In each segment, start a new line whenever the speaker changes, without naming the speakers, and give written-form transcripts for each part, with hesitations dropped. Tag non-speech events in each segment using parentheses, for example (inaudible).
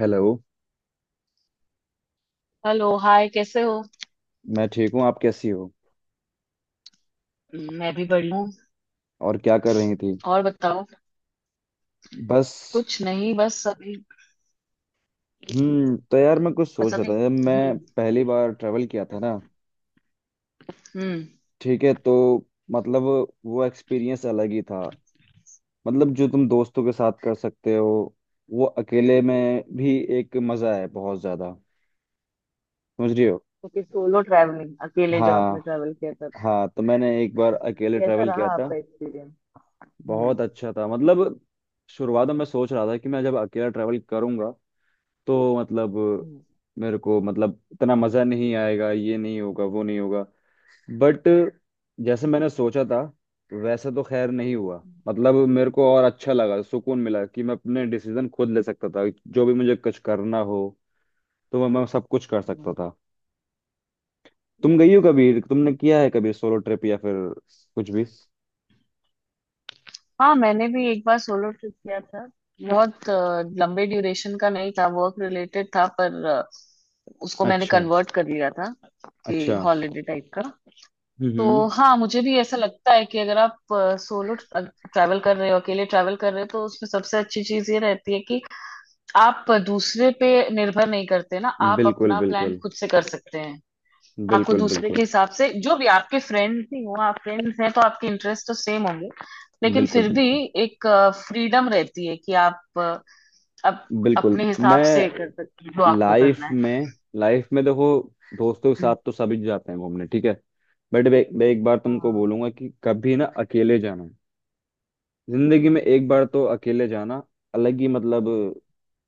Hello.
Hello. Hi, कैसे हो?
मैं ठीक हूँ। आप कैसी हो?
मैं भी बढ़िया हूँ।
और क्या कर रही थी?
और बताओ।
बस।
कुछ नहीं, बस अभी।
तो यार, मैं कुछ
बस
सोच रहा
अभी।
था, जब मैं
हम्म।
पहली बार ट्रेवल किया था ना।
हम्म।
ठीक है। तो मतलब वो एक्सपीरियंस अलग ही था। मतलब, जो तुम दोस्तों के साथ कर सकते हो, वो अकेले में भी एक मज़ा है बहुत ज़्यादा। समझ रही हो?
क्योंकि सोलो ट्रैवलिंग, अकेले जो
हाँ,
आपने ट्रैवल किया था।
हाँ, तो मैंने एक बार
तो
अकेले
कैसा
ट्रैवल किया
रहा
था।
आपका एक्सपीरियंस? हम्म।
बहुत अच्छा था मतलब। शुरुआत में मैं सोच रहा था कि मैं जब अकेला ट्रैवल करूंगा, तो मतलब
हम्म।
मेरे को मतलब इतना मज़ा नहीं आएगा, ये नहीं होगा, वो नहीं होगा। बट जैसे मैंने सोचा था, वैसा तो खैर नहीं हुआ। मतलब मेरे को और अच्छा लगा, सुकून मिला कि मैं अपने डिसीजन खुद ले सकता था, जो भी मुझे कुछ करना हो। तो मैं सब कुछ कर सकता
हम्म।
था। तुम
हम्म।
गई हो कभी? तुमने किया है कभी सोलो ट्रिप या फिर कुछ भी?
हाँ, मैंने भी एक बार सोलो ट्रिप किया था। बहुत लंबे ड्यूरेशन का नहीं था। वर्क रिलेटेड था, पर उसको मैंने
अच्छा,
कन्वर्ट कर लिया था। कि
अच्छा।
हॉलीडे टाइप का।
हम्म।
तो हाँ, मुझे भी ऐसा लगता है कि अगर आप सोलो ट्रैवल कर रहे हो, अकेले ट्रैवल कर रहे हो, तो उसमें सबसे अच्छी चीज ये रहती है कि आप दूसरे पे निर्भर नहीं करते ना, आप
बिल्कुल,
अपना प्लान
बिल्कुल,
खुद से कर सकते हैं। आपको
बिल्कुल,
दूसरे के
बिल्कुल,
हिसाब से, जो भी आपके फ्रेंड ही हो, आप फ्रेंड्स हैं तो आपके इंटरेस्ट तो सेम होंगे, लेकिन
बिल्कुल,
फिर भी
बिल्कुल,
एक फ्रीडम रहती है कि आप अप,
बिल्कुल।
अपने हिसाब
मैं
से कर सकते हैं जो आपको करना
लाइफ
है।
में लाइफ में देखो, दोस्तों के साथ
हम्म।
तो सभी जाते हैं घूमने, ठीक है। बट मैं एक बार तुमको
हाँ।
बोलूंगा कि कभी ना अकेले जाना। जिंदगी में
हम्म।
एक बार तो अकेले जाना। अलग ही मतलब।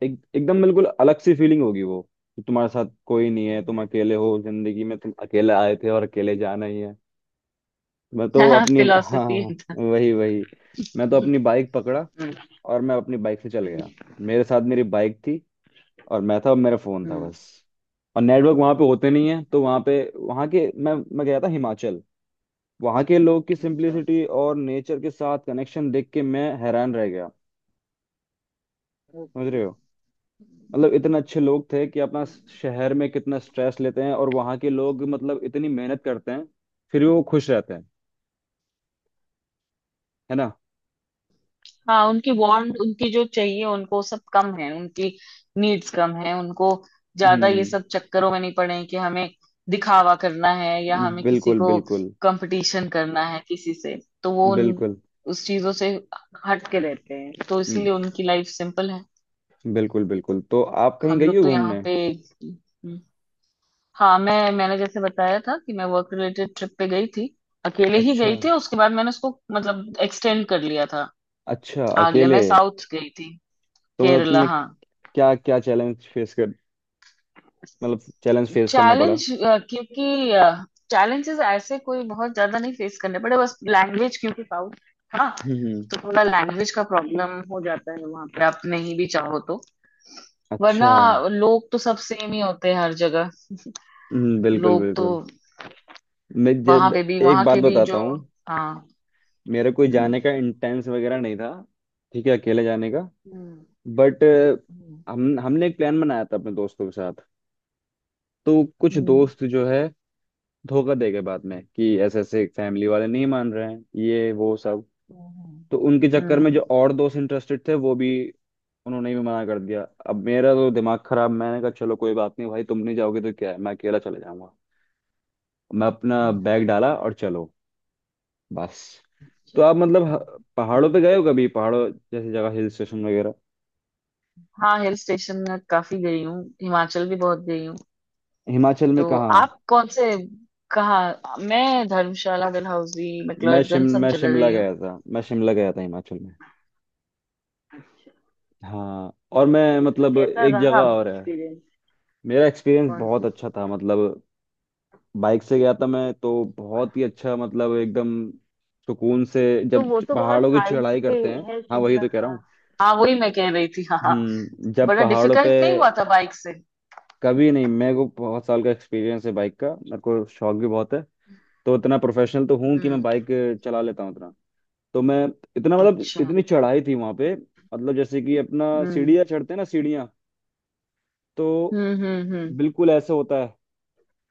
एक एकदम बिल्कुल अलग सी फीलिंग होगी वो, कि तुम्हारे साथ कोई नहीं है, तुम
हम्म।
अकेले हो, जिंदगी में तुम अकेले आए थे और अकेले जाना ही है। मैं
(laughs)
तो
हाँ,
अपनी हाँ,
फिलोसफी
हाँ,
था।
वही, वही। मैं तो अपनी बाइक पकड़ा
हम्म।
और मैं अपनी बाइक से चल
हम्म।
गया। मेरे साथ मेरी बाइक थी, और मैं था, मेरा फोन था,
हम्म।
बस। और नेटवर्क वहां पे होते नहीं है, तो वहां के मैं गया था हिमाचल। वहां के लोग की
अच्छा।
सिंप्लिसिटी और नेचर के साथ कनेक्शन देख के मैं हैरान रह गया। समझ
ओके।
रहे हो? मतलब इतने अच्छे लोग थे कि अपना शहर में कितना स्ट्रेस लेते हैं, और वहां के लोग मतलब इतनी मेहनत करते हैं, फिर भी वो खुश रहते हैं। है ना?
हाँ, उनकी वांट, उनकी जो चाहिए उनको सब कम है, उनकी नीड्स कम है उनको। ज्यादा ये
हम्म,
सब चक्करों में नहीं पड़े हैं कि हमें दिखावा करना है या हमें किसी
बिल्कुल,
को
बिल्कुल,
कंपटीशन करना है किसी से। तो वो उन
बिल्कुल।
उस चीजों से हट के रहते हैं, तो
हम्म,
इसीलिए उनकी लाइफ सिंपल है।
बिल्कुल, बिल्कुल। तो आप कहीं
हम
गई
लोग
हो
तो
घूमने?
यहाँ पे। हम्म। हाँ, मैंने जैसे बताया था कि मैं वर्क रिलेटेड ट्रिप पे गई थी। अकेले ही
अच्छा,
गई थी, उसके बाद मैंने उसको मतलब एक्सटेंड कर लिया था।
अच्छा,
आगे
अकेले?
मैं साउथ गई थी।
तो मतलब
केरला,
तुमने
हाँ।
क्या क्या चैलेंज फेस कर मतलब चैलेंज फेस करना पड़ा?
चैलेंज? क्योंकि चैलेंजेस ऐसे कोई बहुत ज्यादा नहीं फेस करने पड़े, बस लैंग्वेज, क्योंकि साउथ। हाँ।
हम्म,
तो थोड़ा लैंग्वेज का प्रॉब्लम हो जाता है वहां पे, आप नहीं भी चाहो तो। वरना
अच्छा।
लोग तो सब सेम ही होते हैं हर जगह।
बिल्कुल,
लोग तो
बिल्कुल। मैं
वहां
जब
पे भी,
एक
वहां
बात
के भी
बताता
जो।
हूँ।
हाँ।
मेरा कोई
हम्म।
जाने का इंटेंस वगैरह नहीं था, ठीक है, अकेले जाने का।
हम्म।
बट
हम्म।
हम हमने एक प्लान बनाया था अपने दोस्तों के साथ। तो कुछ
हम्म।
दोस्त जो है, धोखा दे गए बाद में, कि ऐसे ऐसे फैमिली वाले नहीं मान रहे हैं, ये वो सब।
हम्म।
तो उनके चक्कर में
हम्म।
जो और दोस्त इंटरेस्टेड थे, वो भी, उन्होंने भी मना कर दिया। अब मेरा तो दिमाग खराब। मैंने कहा चलो कोई बात नहीं भाई, तुम नहीं जाओगे तो क्या है, मैं अकेला चले जाऊंगा। मैं अपना
हम्म।
बैग डाला और चलो। बस। तो
चलो।
आप मतलब पहाड़ों पे गए हो कभी? पहाड़ों जैसी जगह, हिल स्टेशन वगैरह?
हाँ, हिल स्टेशन में काफी गई हूँ। हिमाचल भी बहुत गई हूँ।
हिमाचल में
तो
कहाँ?
आप कौन से? कहाँ? मैं धर्मशाला, डलहौजी, मैक्लोडगंज, सब
मैं
जगह
शिमला
गई हूँ।
गया था, मैं शिमला गया था हिमाचल में। हाँ, और मैं
तो फिर
मतलब
कैसा
एक
रहा
जगह
आपका
और है।
एक्सपीरियंस?
मेरा एक्सपीरियंस
कौन
बहुत
सी?
अच्छा था मतलब। बाइक से गया था मैं, तो बहुत ही अच्छा मतलब एकदम सुकून से,
तो
जब
वो तो बहुत
पहाड़ों की
हाइट
चढ़ाई
पे
करते हैं।
है
हाँ वही
शिमला,
तो कह रहा
हाँ।
हूँ।
हाँ, वही मैं कह रही थी। हाँ, हाँ।
जब
बड़ा
पहाड़ों पे,
डिफिकल्ट नहीं हुआ था बाइक से?
कभी नहीं, मेरे को बहुत साल का एक्सपीरियंस है बाइक का, मेरे को शौक भी बहुत है। तो इतना प्रोफेशनल तो हूँ कि मैं
हम्म।
बाइक चला लेता हूँ, इतना। तो मैं, इतना मतलब
अच्छा।
इतनी चढ़ाई थी वहां पे, मतलब जैसे कि अपना
हम्म।
सीढ़ियाँ चढ़ते हैं ना सीढ़ियाँ, तो
हम्म। हम्म। हम्म।
बिल्कुल ऐसे होता है,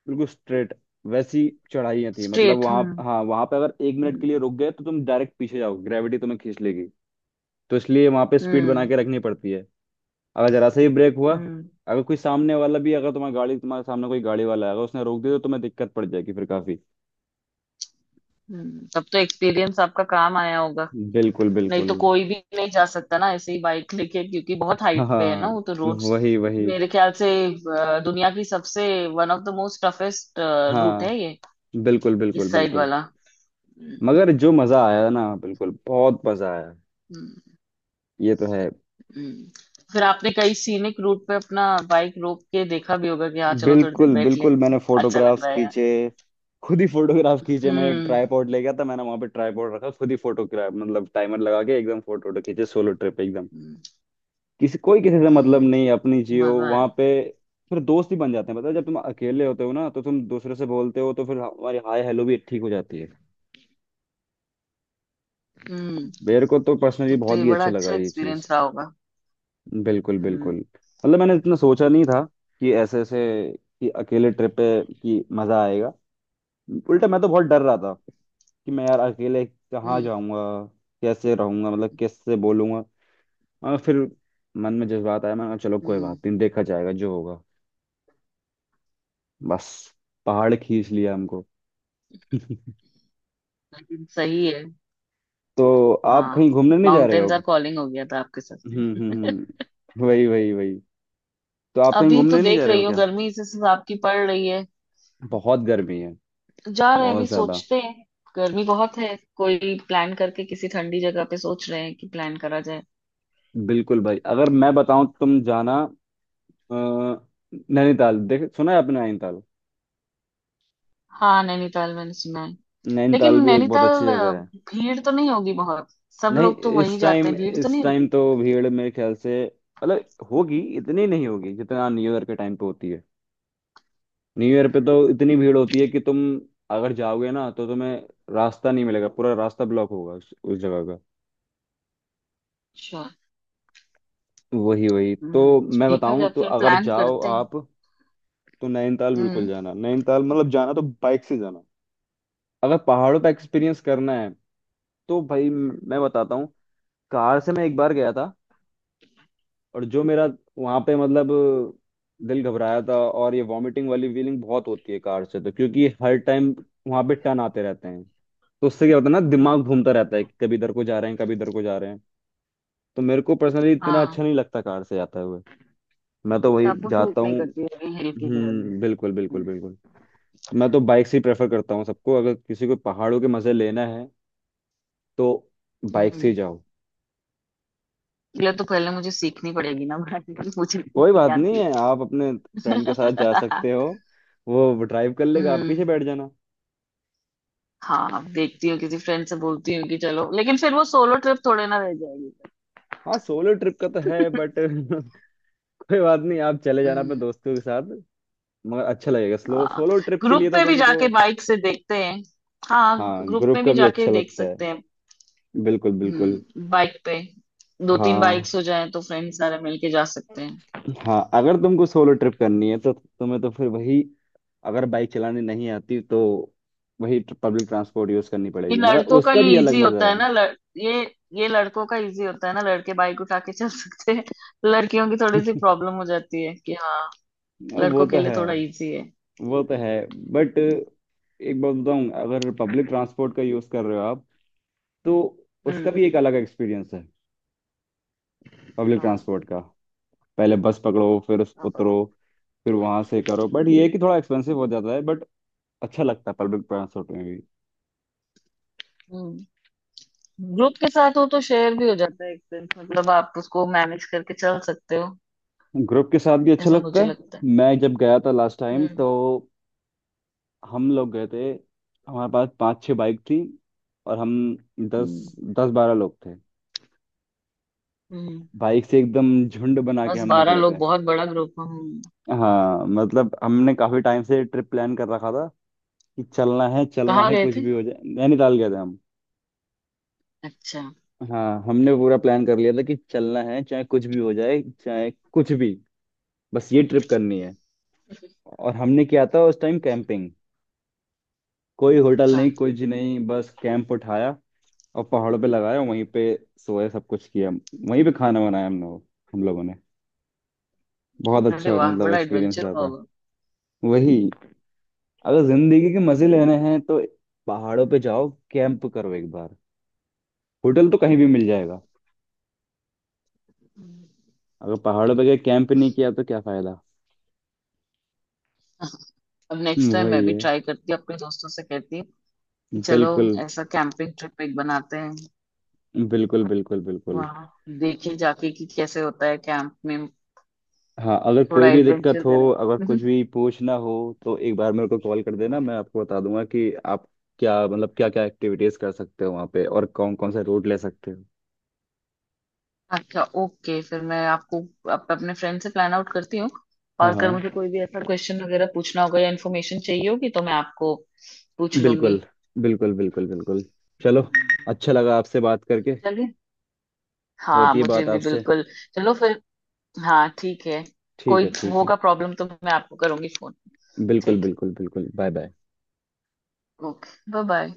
बिल्कुल स्ट्रेट वैसी चढ़ाइयाँ थी मतलब।
स्ट्रेट।
वहां,
हम्म।
हाँ वहां पे अगर 1 मिनट
हम्म।
के लिए रुक गए तो तुम डायरेक्ट पीछे जाओ, ग्रेविटी तुम्हें खींच लेगी। तो इसलिए वहां पे स्पीड बना
हम्म।
के रखनी पड़ती है। अगर जरा सा ही ब्रेक हुआ,
हम्म।
अगर कोई सामने वाला भी, अगर तुम्हारी गाड़ी, तुम्हारे सामने कोई गाड़ी वाला है, अगर उसने रोक दिया तो तुम्हें दिक्कत पड़ जाएगी फिर काफी।
तब तो एक्सपीरियंस आपका काम आया होगा।
बिल्कुल,
नहीं तो
बिल्कुल।
कोई भी नहीं जा सकता ना, ऐसे ही बाइक लेके, क्योंकि बहुत हाइट पे है ना
हाँ,
वो तो रोड्स।
वही, वही।
मेरे ख्याल से दुनिया की सबसे, one of the most toughest route
हाँ,
है ये।
बिल्कुल, बिल्कुल,
इस साइड
बिल्कुल।
वाला। हम्म।
मगर जो मजा आया ना, बिल्कुल बहुत मजा आया,
हम्म।
ये तो है।
हम्म। फिर आपने कई सीनिक रूट पे अपना बाइक रोक के देखा भी होगा कि हाँ चलो थोड़ी देर
बिल्कुल,
बैठ ले।
बिल्कुल, मैंने
अच्छा लग
फोटोग्राफ्स
रहा है यार।
खींचे, खुद ही फोटोग्राफ खींचे। मैं एक
हम्म।
ट्राईपॉड ले गया था, मैंने वहां पे ट्राईपॉड रखा, खुद ही फोटोग्राफ मतलब टाइमर लगा के एकदम फोटो वोटो खींचे, सोलो ट्रिप एकदम।
हम्म।
किसी कोई किसी से मतलब
हम्म,
नहीं, अपनी जियो
मजा है।
वहां पे। फिर दोस्त ही बन जाते हैं, पता है जब तुम अकेले होते हो ना, तो तुम दूसरे से बोलते हो, तो फिर हमारी हाय हेलो भी ठीक हो जाती है।
हम्म,
मेरे को तो पर्सनली
तब तो
बहुत
ये
ही
बड़ा
अच्छा लगा
अच्छा
ये चीज।
एक्सपीरियंस रहा होगा।
बिल्कुल,
हम्म।
बिल्कुल, मतलब मैंने इतना सोचा नहीं था कि ऐसे ऐसे, कि अकेले ट्रिप पे कि मजा आएगा। उल्टा मैं तो बहुत डर रहा, कि मैं यार अकेले कहाँ
हम्म।
जाऊंगा, कैसे रहूंगा, मतलब कैसे बोलूंगा। मगर फिर मन में जज्बात आया, मैंने कहा चलो कोई
हम्म।
बात नहीं, देखा जाएगा जो होगा। बस, पहाड़ खींच लिया हमको। (laughs)
लेकिन सही है।
तो आप
हाँ।
कहीं घूमने नहीं जा रहे हो
माउंटेन्स आर
अब?
कॉलिंग हो गया था आपके साथ
हम्म,
में।
हम्म, हम्म, वही, वही, वही। तो आप कहीं
अभी तो
घूमने नहीं जा
देख
रहे
रही
हो
हूँ,
क्या?
गर्मी इस हिसाब की पड़ रही है।
बहुत गर्मी है,
जा रहे हैं, अभी
बहुत ज्यादा।
सोचते हैं। गर्मी बहुत है। कोई प्लान करके किसी ठंडी जगह पे सोच रहे हैं कि प्लान करा जाए।
बिल्कुल भाई, अगर मैं बताऊं, तुम जाना। अ, नैनीताल, देख सुना है आपने नैनीताल?
हाँ, नैनीताल मैंने सुना है।
नैनीताल
लेकिन
भी एक बहुत अच्छी
नैनीताल
जगह है।
भीड़ तो नहीं होगी बहुत? सब
नहीं,
लोग तो वहीं
इस
जाते
टाइम
हैं, भीड़ तो
इस
नहीं
टाइम
होगी?
तो भीड़ मेरे ख्याल से, मतलब होगी, इतनी नहीं होगी जितना न्यू ईयर के टाइम पे होती है। न्यू ईयर पे तो इतनी भीड़ होती है कि तुम, अगर जाओगे ना तो तुम्हें रास्ता नहीं मिलेगा, पूरा रास्ता ब्लॉक होगा उस जगह का।
श्योर।
वही, वही, तो
हम्म,
मैं
देखा
बताऊं,
जाए,
तो
फिर
अगर
प्लान
जाओ
करते हैं।
आप, तो नैनीताल बिल्कुल
हम्म।
जाना। नैनीताल मतलब जाना तो बाइक से जाना, अगर पहाड़ों पे एक्सपीरियंस करना है। तो भाई मैं बताता हूँ, कार से मैं एक बार गया था, और जो मेरा वहां पे मतलब दिल घबराया था, और ये वॉमिटिंग वाली फीलिंग बहुत होती है कार से, तो क्योंकि हर टाइम वहां पे टर्न आते रहते हैं। तो उससे क्या होता है ना, दिमाग
हम्म।
घूमता रहता है कि कभी इधर को जा रहे हैं, कभी इधर को जा रहे हैं। तो मेरे को पर्सनली इतना
हाँ,
अच्छा नहीं लगता कार से जाते हुए, मैं तो
तो
वही
आपको
जाता
सूट नहीं
हूँ।
करती है हिल की जर्नी?
हम्म, बिल्कुल, बिल्कुल,
हम्म।
बिल्कुल। तो मैं तो बाइक से ही प्रेफर करता हूँ सबको, अगर किसी को पहाड़ों के मजे लेना है, तो बाइक से ही
हम्म।
जाओ।
ये तो पहले मुझे सीखनी पड़ेगी ना, बनानी (laughs) मुझे
कोई
नहीं
बात नहीं
आती।
है, आप अपने फ्रेंड के साथ जा सकते हो,
(laughs)
वो ड्राइव कर लेगा आप
हम्म।
पीछे बैठ जाना।
हाँ, देखती हूँ किसी फ्रेंड से बोलती हूँ कि चलो, लेकिन फिर वो सोलो ट्रिप थोड़े ना रह जाएगी।
हाँ, सोलो ट्रिप का तो है बट (laughs) कोई बात नहीं, आप चले जाना अपने
हम्म।
दोस्तों के साथ, मगर अच्छा लगेगा स्लो
हाँ,
सोलो ट्रिप के
ग्रुप
लिए तो
में भी
तुमको।
जाके बाइक से देखते हैं। हाँ,
हाँ,
ग्रुप
ग्रुप
में
का
भी
भी
जाके
अच्छा
देख
लगता है,
सकते हैं।
बिल्कुल, बिल्कुल।
हम्म, बाइक पे। दो तीन
हाँ,
बाइक्स हो जाएं तो फ्रेंड सारे मिलके जा सकते हैं।
हाँ, अगर तुमको सोलो ट्रिप करनी है, तो तुम्हें तो फिर वही, अगर बाइक चलानी नहीं आती तो, वही पब्लिक ट्रांसपोर्ट यूज करनी
ये
पड़ेगी, मगर
लड़कों का
उसका
ये
भी अलग
इजी
मजा
होता है
है।
ना, ये लड़कों का इजी होता है ना। लड़के बाइक उठा के चल सकते हैं, (laughs) लड़कियों की थोड़ी सी
(laughs)
प्रॉब्लम हो जाती है कि हाँ।
वो
लड़कों के
तो
लिए
है,
थोड़ा इजी है।
वो तो है। बट एक बात बताऊं, अगर पब्लिक ट्रांसपोर्ट का यूज कर रहे हो आप, तो उसका
हम्म।
भी एक अलग एक्सपीरियंस है, पब्लिक
हाँ।
ट्रांसपोर्ट का। पहले बस पकड़ो, फिर उस
आप
उतरो,
अपने-
फिर वहां से करो। बट ये है कि थोड़ा एक्सपेंसिव हो जाता है, बट अच्छा लगता है पब्लिक ट्रांसपोर्ट में भी।
हम्म, ग्रुप के साथ हो तो शेयर भी हो जाता है एक्सपेंस, मतलब आप उसको मैनेज करके चल सकते हो।
ग्रुप के साथ भी अच्छा
ऐसा
लगता
मुझे
है।
लगता है।
मैं जब गया था लास्ट टाइम
हम्म।
तो हम लोग गए थे, हमारे पास 5-6 बाइक थी, और हम दस
हम्म।
10-12 लोग थे।
हम्म।
बाइक से एकदम झुंड बना के
बस,
हम
12
निकले
लोग
थे।
बहुत बड़ा ग्रुप हम।
हाँ मतलब हमने काफी टाइम से ट्रिप प्लान कर रखा था कि चलना है, चलना
कहाँ
है,
गए
कुछ
थे?
भी हो जाए। नैनीताल गए थे हम।
अच्छा।
हाँ हमने पूरा प्लान कर लिया था कि चलना है, चाहे कुछ भी हो जाए, चाहे कुछ भी, बस ये ट्रिप करनी है। और हमने किया था उस टाइम कैंपिंग, कोई होटल
अच्छा।
नहीं, कुछ नहीं, बस कैंप उठाया और पहाड़ों पे लगाया, वहीं पे सोए, सब कुछ किया, वहीं पे खाना बनाया हम लोग, हम लोगों ने। बहुत
अरे
अच्छा
वाह,
मतलब
बड़ा
एक्सपीरियंस
एडवेंचर
रहा
हुआ
था।
होगा।
वही, अगर जिंदगी के मजे लेने हैं तो पहाड़ों पे जाओ, कैंप करो एक बार। होटल तो कहीं भी
हम्म,
मिल जाएगा, अगर पहाड़ों पे गए कैंप नहीं किया तो क्या फायदा।
अब नेक्स्ट टाइम मैं
वही
भी
है।
ट्राई करती हूँ, अपने दोस्तों से कहती हूँ। कि चलो।
बिल्कुल,
ऐसा कैंपिंग ट्रिप एक बनाते हैं।
बिल्कुल, बिल्कुल, बिल्कुल।
वहाँ। देखें जाके कि कैसे होता है कैंप में।
हाँ, अगर
थोड़ा
कोई भी दिक्कत
एडवेंचर
हो, अगर
करें।
कुछ भी पूछना हो, तो एक बार मेरे को कॉल कर देना, मैं आपको बता दूंगा कि आप क्या मतलब क्या क्या एक्टिविटीज कर सकते हो वहाँ पे, और कौन कौन सा रूट ले सकते हो।
अच्छा। ओके। फिर मैं आपको अपने फ्रेंड से प्लान आउट करती हूँ। और
हाँ, हाँ,
अगर मुझे कोई भी ऐसा क्वेश्चन वगैरह पूछना होगा या इन्फॉर्मेशन चाहिए होगी तो मैं आपको पूछ
बिल्कुल,
लूंगी।
बिल्कुल, बिल्कुल, बिल्कुल। चलो, अच्छा लगा आपसे बात करके।
चलिए। हाँ,
होती है
मुझे
बात
भी
आपसे।
बिल्कुल। चलो फिर। हाँ, ठीक है।
ठीक है,
कोई
ठीक है।
होगा प्रॉब्लम तो मैं आपको करूंगी फोन।
बिल्कुल,
ठीक है।
बिल्कुल, बिल्कुल, bye, bye.
Okay, bye bye.